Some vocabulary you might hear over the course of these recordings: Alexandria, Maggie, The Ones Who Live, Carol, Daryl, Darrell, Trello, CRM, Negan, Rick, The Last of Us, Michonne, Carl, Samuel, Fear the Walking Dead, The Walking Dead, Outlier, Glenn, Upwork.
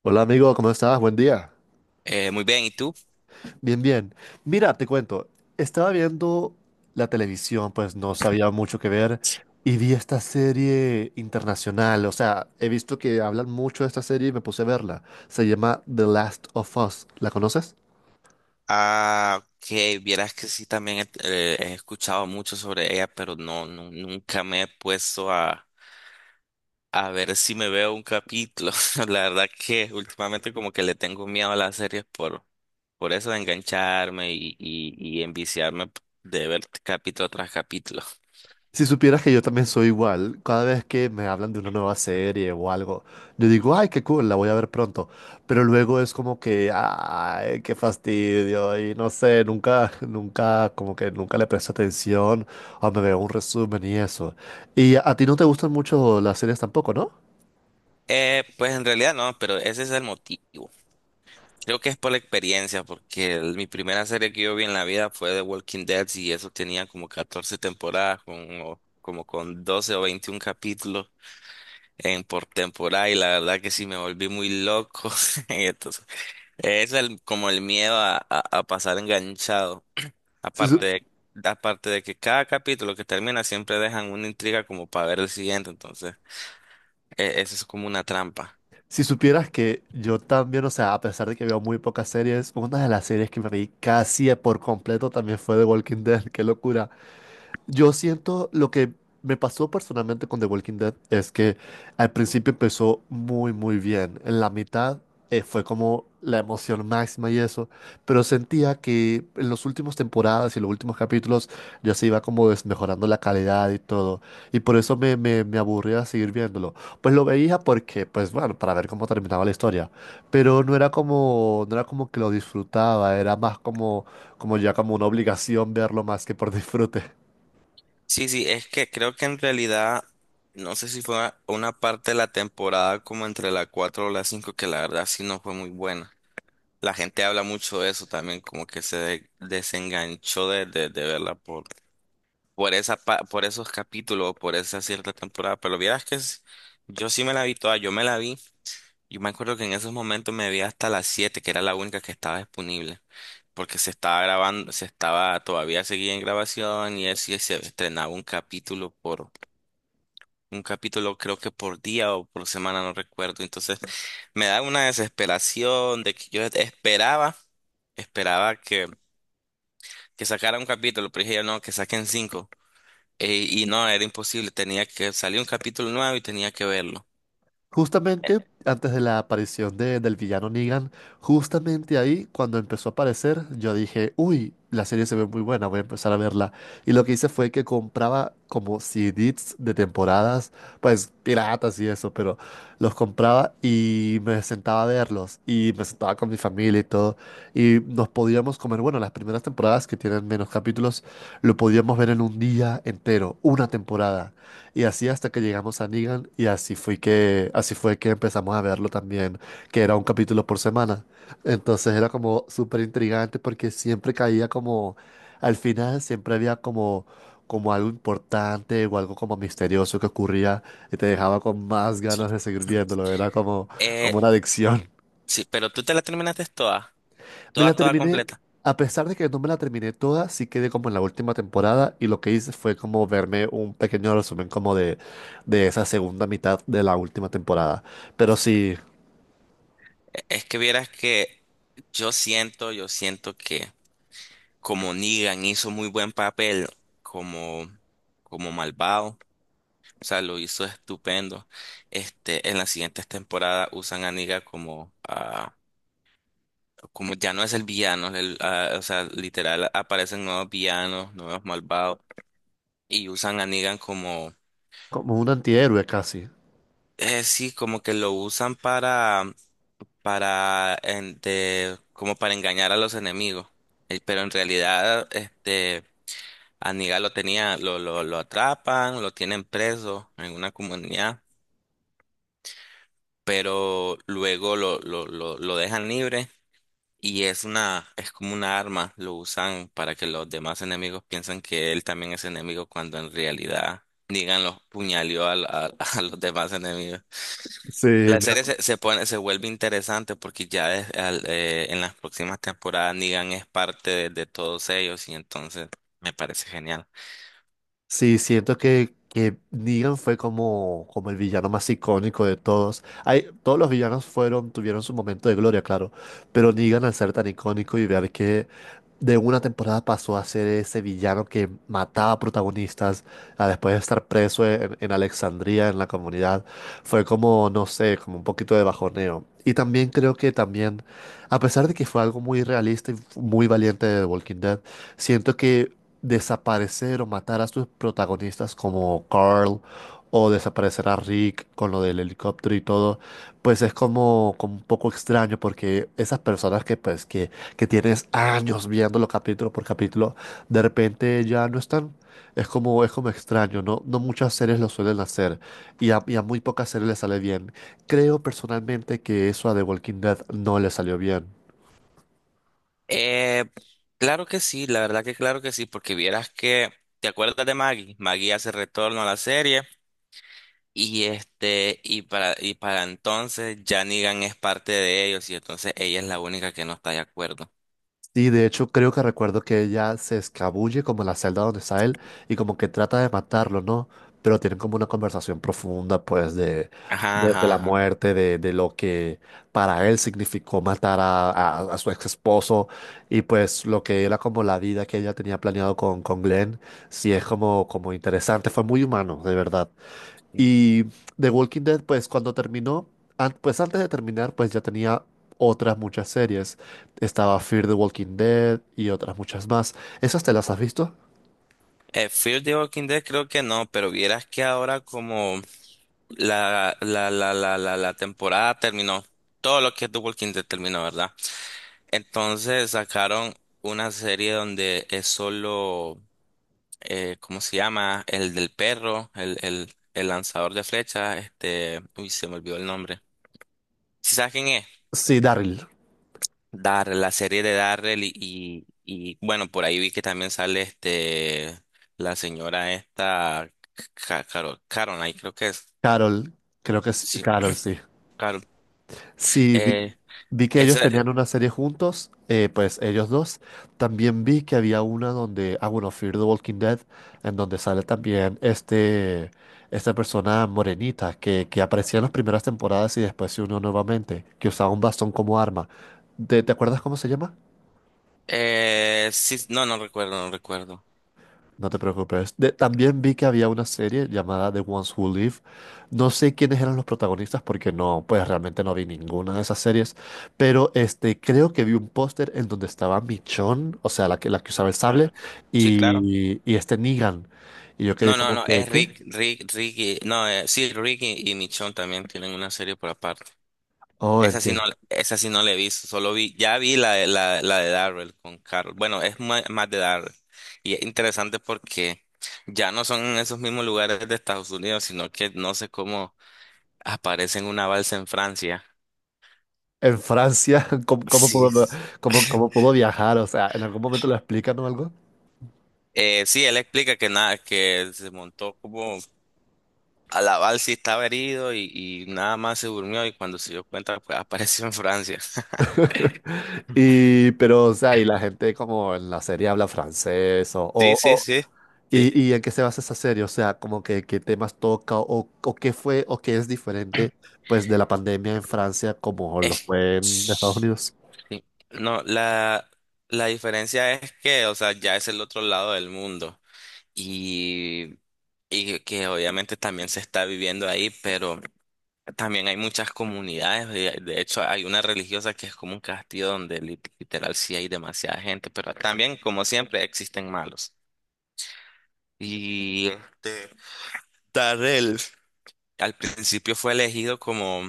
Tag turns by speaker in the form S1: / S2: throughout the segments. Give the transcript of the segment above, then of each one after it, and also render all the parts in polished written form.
S1: Hola amigo, ¿cómo estás? Buen día.
S2: Muy bien, ¿y tú?
S1: Bien, bien. Mira, te cuento, estaba viendo la televisión, pues no sabía mucho que ver y vi esta serie internacional, o sea, he visto que hablan mucho de esta serie y me puse a verla. Se llama The Last of Us, ¿la conoces?
S2: Ah, que vieras que sí, también he escuchado mucho sobre ella, pero no, nunca me he puesto a, ver si me veo un capítulo. La verdad que últimamente como que le tengo miedo a las series por eso de engancharme y enviciarme de ver capítulo tras capítulo.
S1: Si supieras que yo también soy igual, cada vez que me hablan de una nueva serie o algo, yo digo, ay, qué cool, la voy a ver pronto. Pero luego es como que, ay, qué fastidio, y no sé, nunca, nunca, como que nunca le presto atención o me veo un resumen y eso. Y a ti no te gustan mucho las series tampoco, ¿no?
S2: Pues en realidad no, pero ese es el motivo. Creo que es por la experiencia, porque mi primera serie que yo vi en la vida fue The Walking Dead y eso tenía como 14 temporadas, como con 12 o 21 capítulos por temporada, y la verdad que sí me volví muy loco. Y entonces, es como el miedo a, pasar enganchado.
S1: Si, su-
S2: Aparte aparte de que cada capítulo que termina siempre dejan una intriga como para ver el siguiente, entonces eso es como una trampa.
S1: si supieras que yo también, o sea, a pesar de que veo muy pocas series, una de las series que me vi casi por completo también fue The Walking Dead, qué locura. Yo siento lo que me pasó personalmente con The Walking Dead es que al principio empezó muy, muy bien. En la mitad fue como la emoción máxima y eso, pero sentía que en las últimas temporadas y los últimos capítulos ya se iba como desmejorando la calidad y todo. Y por eso me aburría seguir viéndolo. Pues lo veía porque, pues bueno, para ver cómo terminaba la historia. Pero no era como, no era como que lo disfrutaba, era más como, como ya como una obligación verlo más que por disfrute.
S2: Sí, sí, es que creo que en realidad, no sé si fue una parte de la temporada como entre la 4 o la 5 que la verdad sí no fue muy buena. La gente habla mucho de eso también, como que se desenganchó de, verla por esa, por esos capítulos, por esa cierta temporada. Pero vieras que yo sí me la vi toda, yo me la vi. Yo me acuerdo que en esos momentos me vi hasta las 7, que era la única que estaba disponible porque se estaba grabando, todavía seguía en grabación, y así se estrenaba un capítulo creo que por día o por semana, no recuerdo. Entonces me da una desesperación de que yo esperaba que sacara un capítulo, pero dije yo no, que saquen cinco. Y no, era imposible, tenía que salir un capítulo nuevo y tenía que verlo.
S1: Justamente antes de la aparición del villano Negan, justamente ahí cuando empezó a aparecer, yo dije, uy, la serie se ve muy buena, voy a empezar a verla. Y lo que hice fue que compraba como CDs de temporadas, pues piratas y eso, pero los compraba y me sentaba a verlos y me sentaba con mi familia y todo. Y nos podíamos comer, bueno, las primeras temporadas que tienen menos capítulos, lo podíamos ver en un día entero, una temporada. Y así hasta que llegamos a Negan y así fue que empezamos a verlo también, que era un capítulo por semana. Entonces era como súper intrigante porque siempre caía como, al final siempre había como, como algo importante o algo como misterioso que ocurría y te dejaba con más
S2: Sí.
S1: ganas de seguir viéndolo. Era como,
S2: Eh,
S1: como una adicción.
S2: sí, pero tú te la terminaste toda,
S1: Me la Ah,
S2: toda,
S1: vale.
S2: toda
S1: terminé,
S2: completa.
S1: a pesar de que no me la terminé toda, sí quedé como en la última temporada y lo que hice fue como verme un pequeño resumen como de esa segunda mitad de la última temporada. Pero sí,
S2: Es que vieras que yo siento que como Negan hizo muy buen papel como, como malvado. O sea, lo hizo estupendo. Este, en las siguientes temporadas usan a Negan como, ah, como ya no es el villano, el, ah, o sea, literal aparecen nuevos villanos, nuevos malvados, y usan a Negan como,
S1: como un antihéroe casi.
S2: sí, como que lo usan para, como para engañar a los enemigos. Pero en realidad, este, a Negan lo tenía, lo atrapan, lo tienen preso en una comunidad, pero luego lo dejan libre. Y es es como una arma, lo usan para que los demás enemigos piensen que él también es enemigo cuando en realidad, díganlo, puñaleó a, a los demás enemigos.
S1: Sí,
S2: La
S1: me
S2: serie se pone, se vuelve interesante porque ya es en las próximas temporadas Negan es parte de todos ellos, y entonces me parece genial.
S1: Sí, siento que Negan fue como, como el villano más icónico de todos. Hay, todos los villanos fueron, tuvieron su momento de gloria, claro, pero Negan al ser tan icónico y ver que de una temporada pasó a ser ese villano que mataba protagonistas a después de estar preso en Alexandría, en la comunidad, fue como, no sé, como un poquito de bajoneo. Y también creo que también, a pesar de que fue algo muy realista y muy valiente de The Walking Dead, siento que desaparecer o matar a sus protagonistas como Carl o desaparecer a Rick con lo del helicóptero y todo, pues es como, como un poco extraño porque esas personas que tienes años viéndolo capítulo por capítulo, de repente ya no están. Es como extraño, ¿no? No muchas series lo suelen hacer y a muy pocas series les sale bien. Creo personalmente que eso a The Walking Dead no le salió bien.
S2: Eh, claro que sí, la verdad que claro que sí, porque vieras que, ¿te acuerdas de Maggie? Maggie hace retorno a la serie. Y para entonces ya Negan es parte de ellos, y entonces ella es la única que no está de acuerdo.
S1: Sí, de hecho creo que recuerdo que ella se escabulle como en la celda donde está él y como que trata de matarlo, ¿no? Pero tienen como una conversación profunda, pues,
S2: Ajá,
S1: de
S2: ajá,
S1: la
S2: ajá.
S1: muerte, de lo que para él significó matar a, a su ex esposo y pues lo que era como la vida que ella tenía planeado con Glenn, sí es como, como interesante, fue muy humano, de verdad. Y The Walking Dead, pues cuando terminó, pues antes de terminar, pues ya tenía otras muchas series. Estaba Fear the Walking Dead y otras muchas más. ¿Esas te las has visto?
S2: Fear the Walking Dead creo que no, pero vieras que ahora como la temporada terminó, todo lo que es The Walking Dead terminó, ¿verdad? Entonces sacaron una serie donde es solo, ¿cómo se llama? El del perro, el lanzador de flechas, uy, se me olvidó el nombre. ¿Sí sabes quién es?
S1: Sí, Daryl.
S2: Darrell, la serie de Darrell bueno, por ahí vi que también sale la señora esta, Carol, Caroline, creo que es.
S1: Carol, creo que es
S2: Sí,
S1: Carol, sí.
S2: Carol.
S1: Sí,
S2: Eh,
S1: vi que
S2: Esa,
S1: ellos tenían una serie juntos, pues ellos dos. También vi que había una donde, ah, bueno, Fear the Walking Dead, en donde sale también este, esta persona morenita que aparecía en las primeras temporadas y después se unió nuevamente, que usaba un bastón como arma. Te acuerdas cómo se llama?
S2: sí, no, no recuerdo.
S1: No te preocupes. También vi que había una serie llamada The Ones Who Live. No sé quiénes eran los protagonistas porque no, pues realmente no vi ninguna de esas series. Pero este, creo que vi un póster en donde estaba Michonne, o sea, la que usaba el
S2: Ah,
S1: sable,
S2: sí, claro.
S1: y este Negan. Y yo quedé
S2: No, no,
S1: como
S2: no,
S1: que,
S2: es
S1: ¿qué?
S2: Rick, Rick, Ricky, no, sí, Ricky y Michonne también tienen una serie por aparte.
S1: Oh,
S2: Esa sí no,
S1: entiendo.
S2: esa sí no la he visto, solo vi, ya vi la de Darrell con Carol. Bueno, es más, de Darrell. Y es interesante porque ya no son en esos mismos lugares de Estados Unidos, sino que no sé cómo aparece en una balsa en Francia.
S1: En Francia, ¿cómo, cómo
S2: Sí.
S1: pudo, cómo, cómo puedo viajar? O sea, ¿en algún momento lo explican o algo?
S2: Sí, él explica que nada, que se montó como a la balsa y estaba herido y nada más se durmió, y cuando se dio cuenta, pues apareció en Francia.
S1: Y, pero, o sea, y la gente como en la serie habla francés
S2: Sí, sí,
S1: o-
S2: sí. Sí.
S1: ¿Y, y en qué se basa esa serie? O sea, como que qué temas toca o qué fue o qué es diferente pues de la pandemia en Francia como
S2: Eh.
S1: lo fue en Estados
S2: Sí.
S1: Unidos.
S2: No, la diferencia es que, o sea, ya es el otro lado del mundo y, y que obviamente también se está viviendo ahí, pero también hay muchas comunidades. De hecho, hay una religiosa que es como un castillo donde literal sí hay demasiada gente, pero también, como siempre, existen malos. Y este, Darrell al principio fue elegido como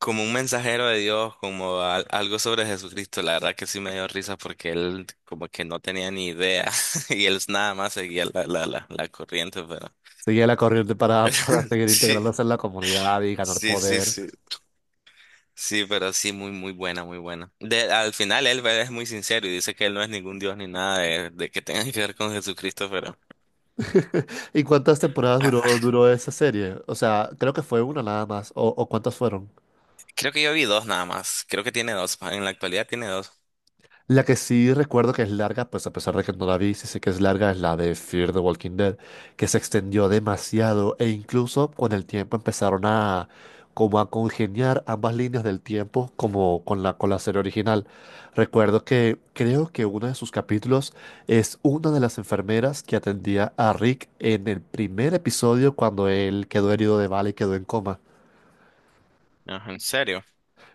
S2: como un mensajero de Dios, como algo sobre Jesucristo. La verdad que sí me dio risa porque él como que no tenía ni idea y él nada más seguía la corriente, pero
S1: Seguía la corriente para, para seguir
S2: sí,
S1: integrándose en la comunidad y ganar
S2: sí, sí,
S1: poder.
S2: sí. Sí, pero sí, muy, muy buena, muy buena. De, al final él es muy sincero y dice que él no es ningún Dios ni nada de que tenga que ver con Jesucristo, pero.
S1: ¿Y cuántas temporadas
S2: Ah,
S1: duró,
S2: ah,
S1: duró esa serie? O sea, creo que fue una nada más. O cuántas fueron?
S2: creo que yo vi dos nada más. Creo que tiene dos, en la actualidad tiene dos.
S1: La que sí recuerdo que es larga, pues a pesar de que no la vi, sí sé que es larga, es la de Fear the Walking Dead, que se extendió demasiado e incluso con el tiempo empezaron a como a congeniar ambas líneas del tiempo como con la serie original. Recuerdo que creo que uno de sus capítulos es una de las enfermeras que atendía a Rick en el primer episodio cuando él quedó herido de bala y quedó en coma.
S2: Ajá, ¿en serio?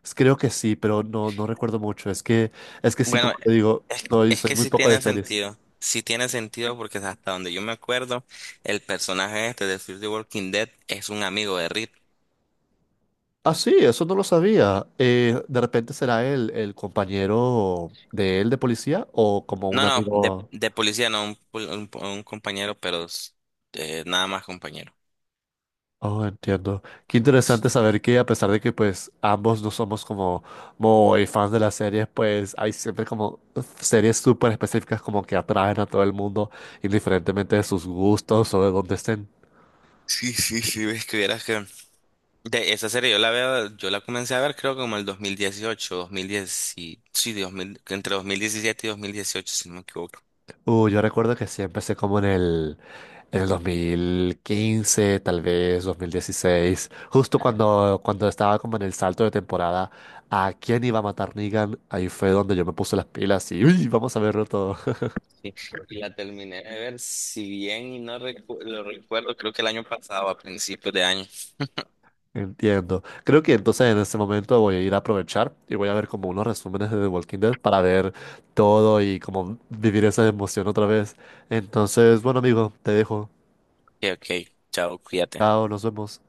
S1: Es Creo que sí, pero no, no recuerdo mucho. Es que sí,
S2: Bueno,
S1: como te digo,
S2: es,
S1: soy,
S2: es
S1: soy
S2: que
S1: muy
S2: sí
S1: poco de
S2: tiene
S1: series.
S2: sentido. Sí tiene sentido porque hasta donde yo me acuerdo, el personaje este de Fear the Walking Dead es un amigo de Rick.
S1: Ah, sí, eso no lo sabía. De repente será él el compañero de él de policía o como
S2: No,
S1: un
S2: no, de,
S1: amigo.
S2: de policía, no, un compañero, pero nada más compañero.
S1: Oh, entiendo. Qué interesante saber que a pesar de que pues ambos no somos como muy fans de las series, pues hay siempre como series súper específicas como que atraen a todo el mundo, indiferentemente de sus gustos o de dónde estén.
S2: Sí, sí, sí, ves que vieras que. De esa serie yo la veo, yo la comencé a ver creo que como el 2018, 2010, sí, 2000, entre 2017 y 2018, si no me equivoco.
S1: Yo recuerdo que sí empecé como en en el 2015, tal vez 2016, justo cuando, cuando estaba como en el salto de temporada, ¿a quién iba a matar Negan? Ahí fue donde yo me puse las pilas y uy, vamos a verlo todo.
S2: Sí, la terminé de ver, si bien y no lo recuerdo, creo que el año pasado, a principios de año.
S1: Entiendo. Creo que entonces en este momento voy a ir a aprovechar y voy a ver como unos resúmenes de The Walking Dead para ver todo y como vivir esa emoción otra vez. Entonces, bueno amigo, te dejo.
S2: Ok, ok, chao, cuídate.
S1: Chao, nos vemos.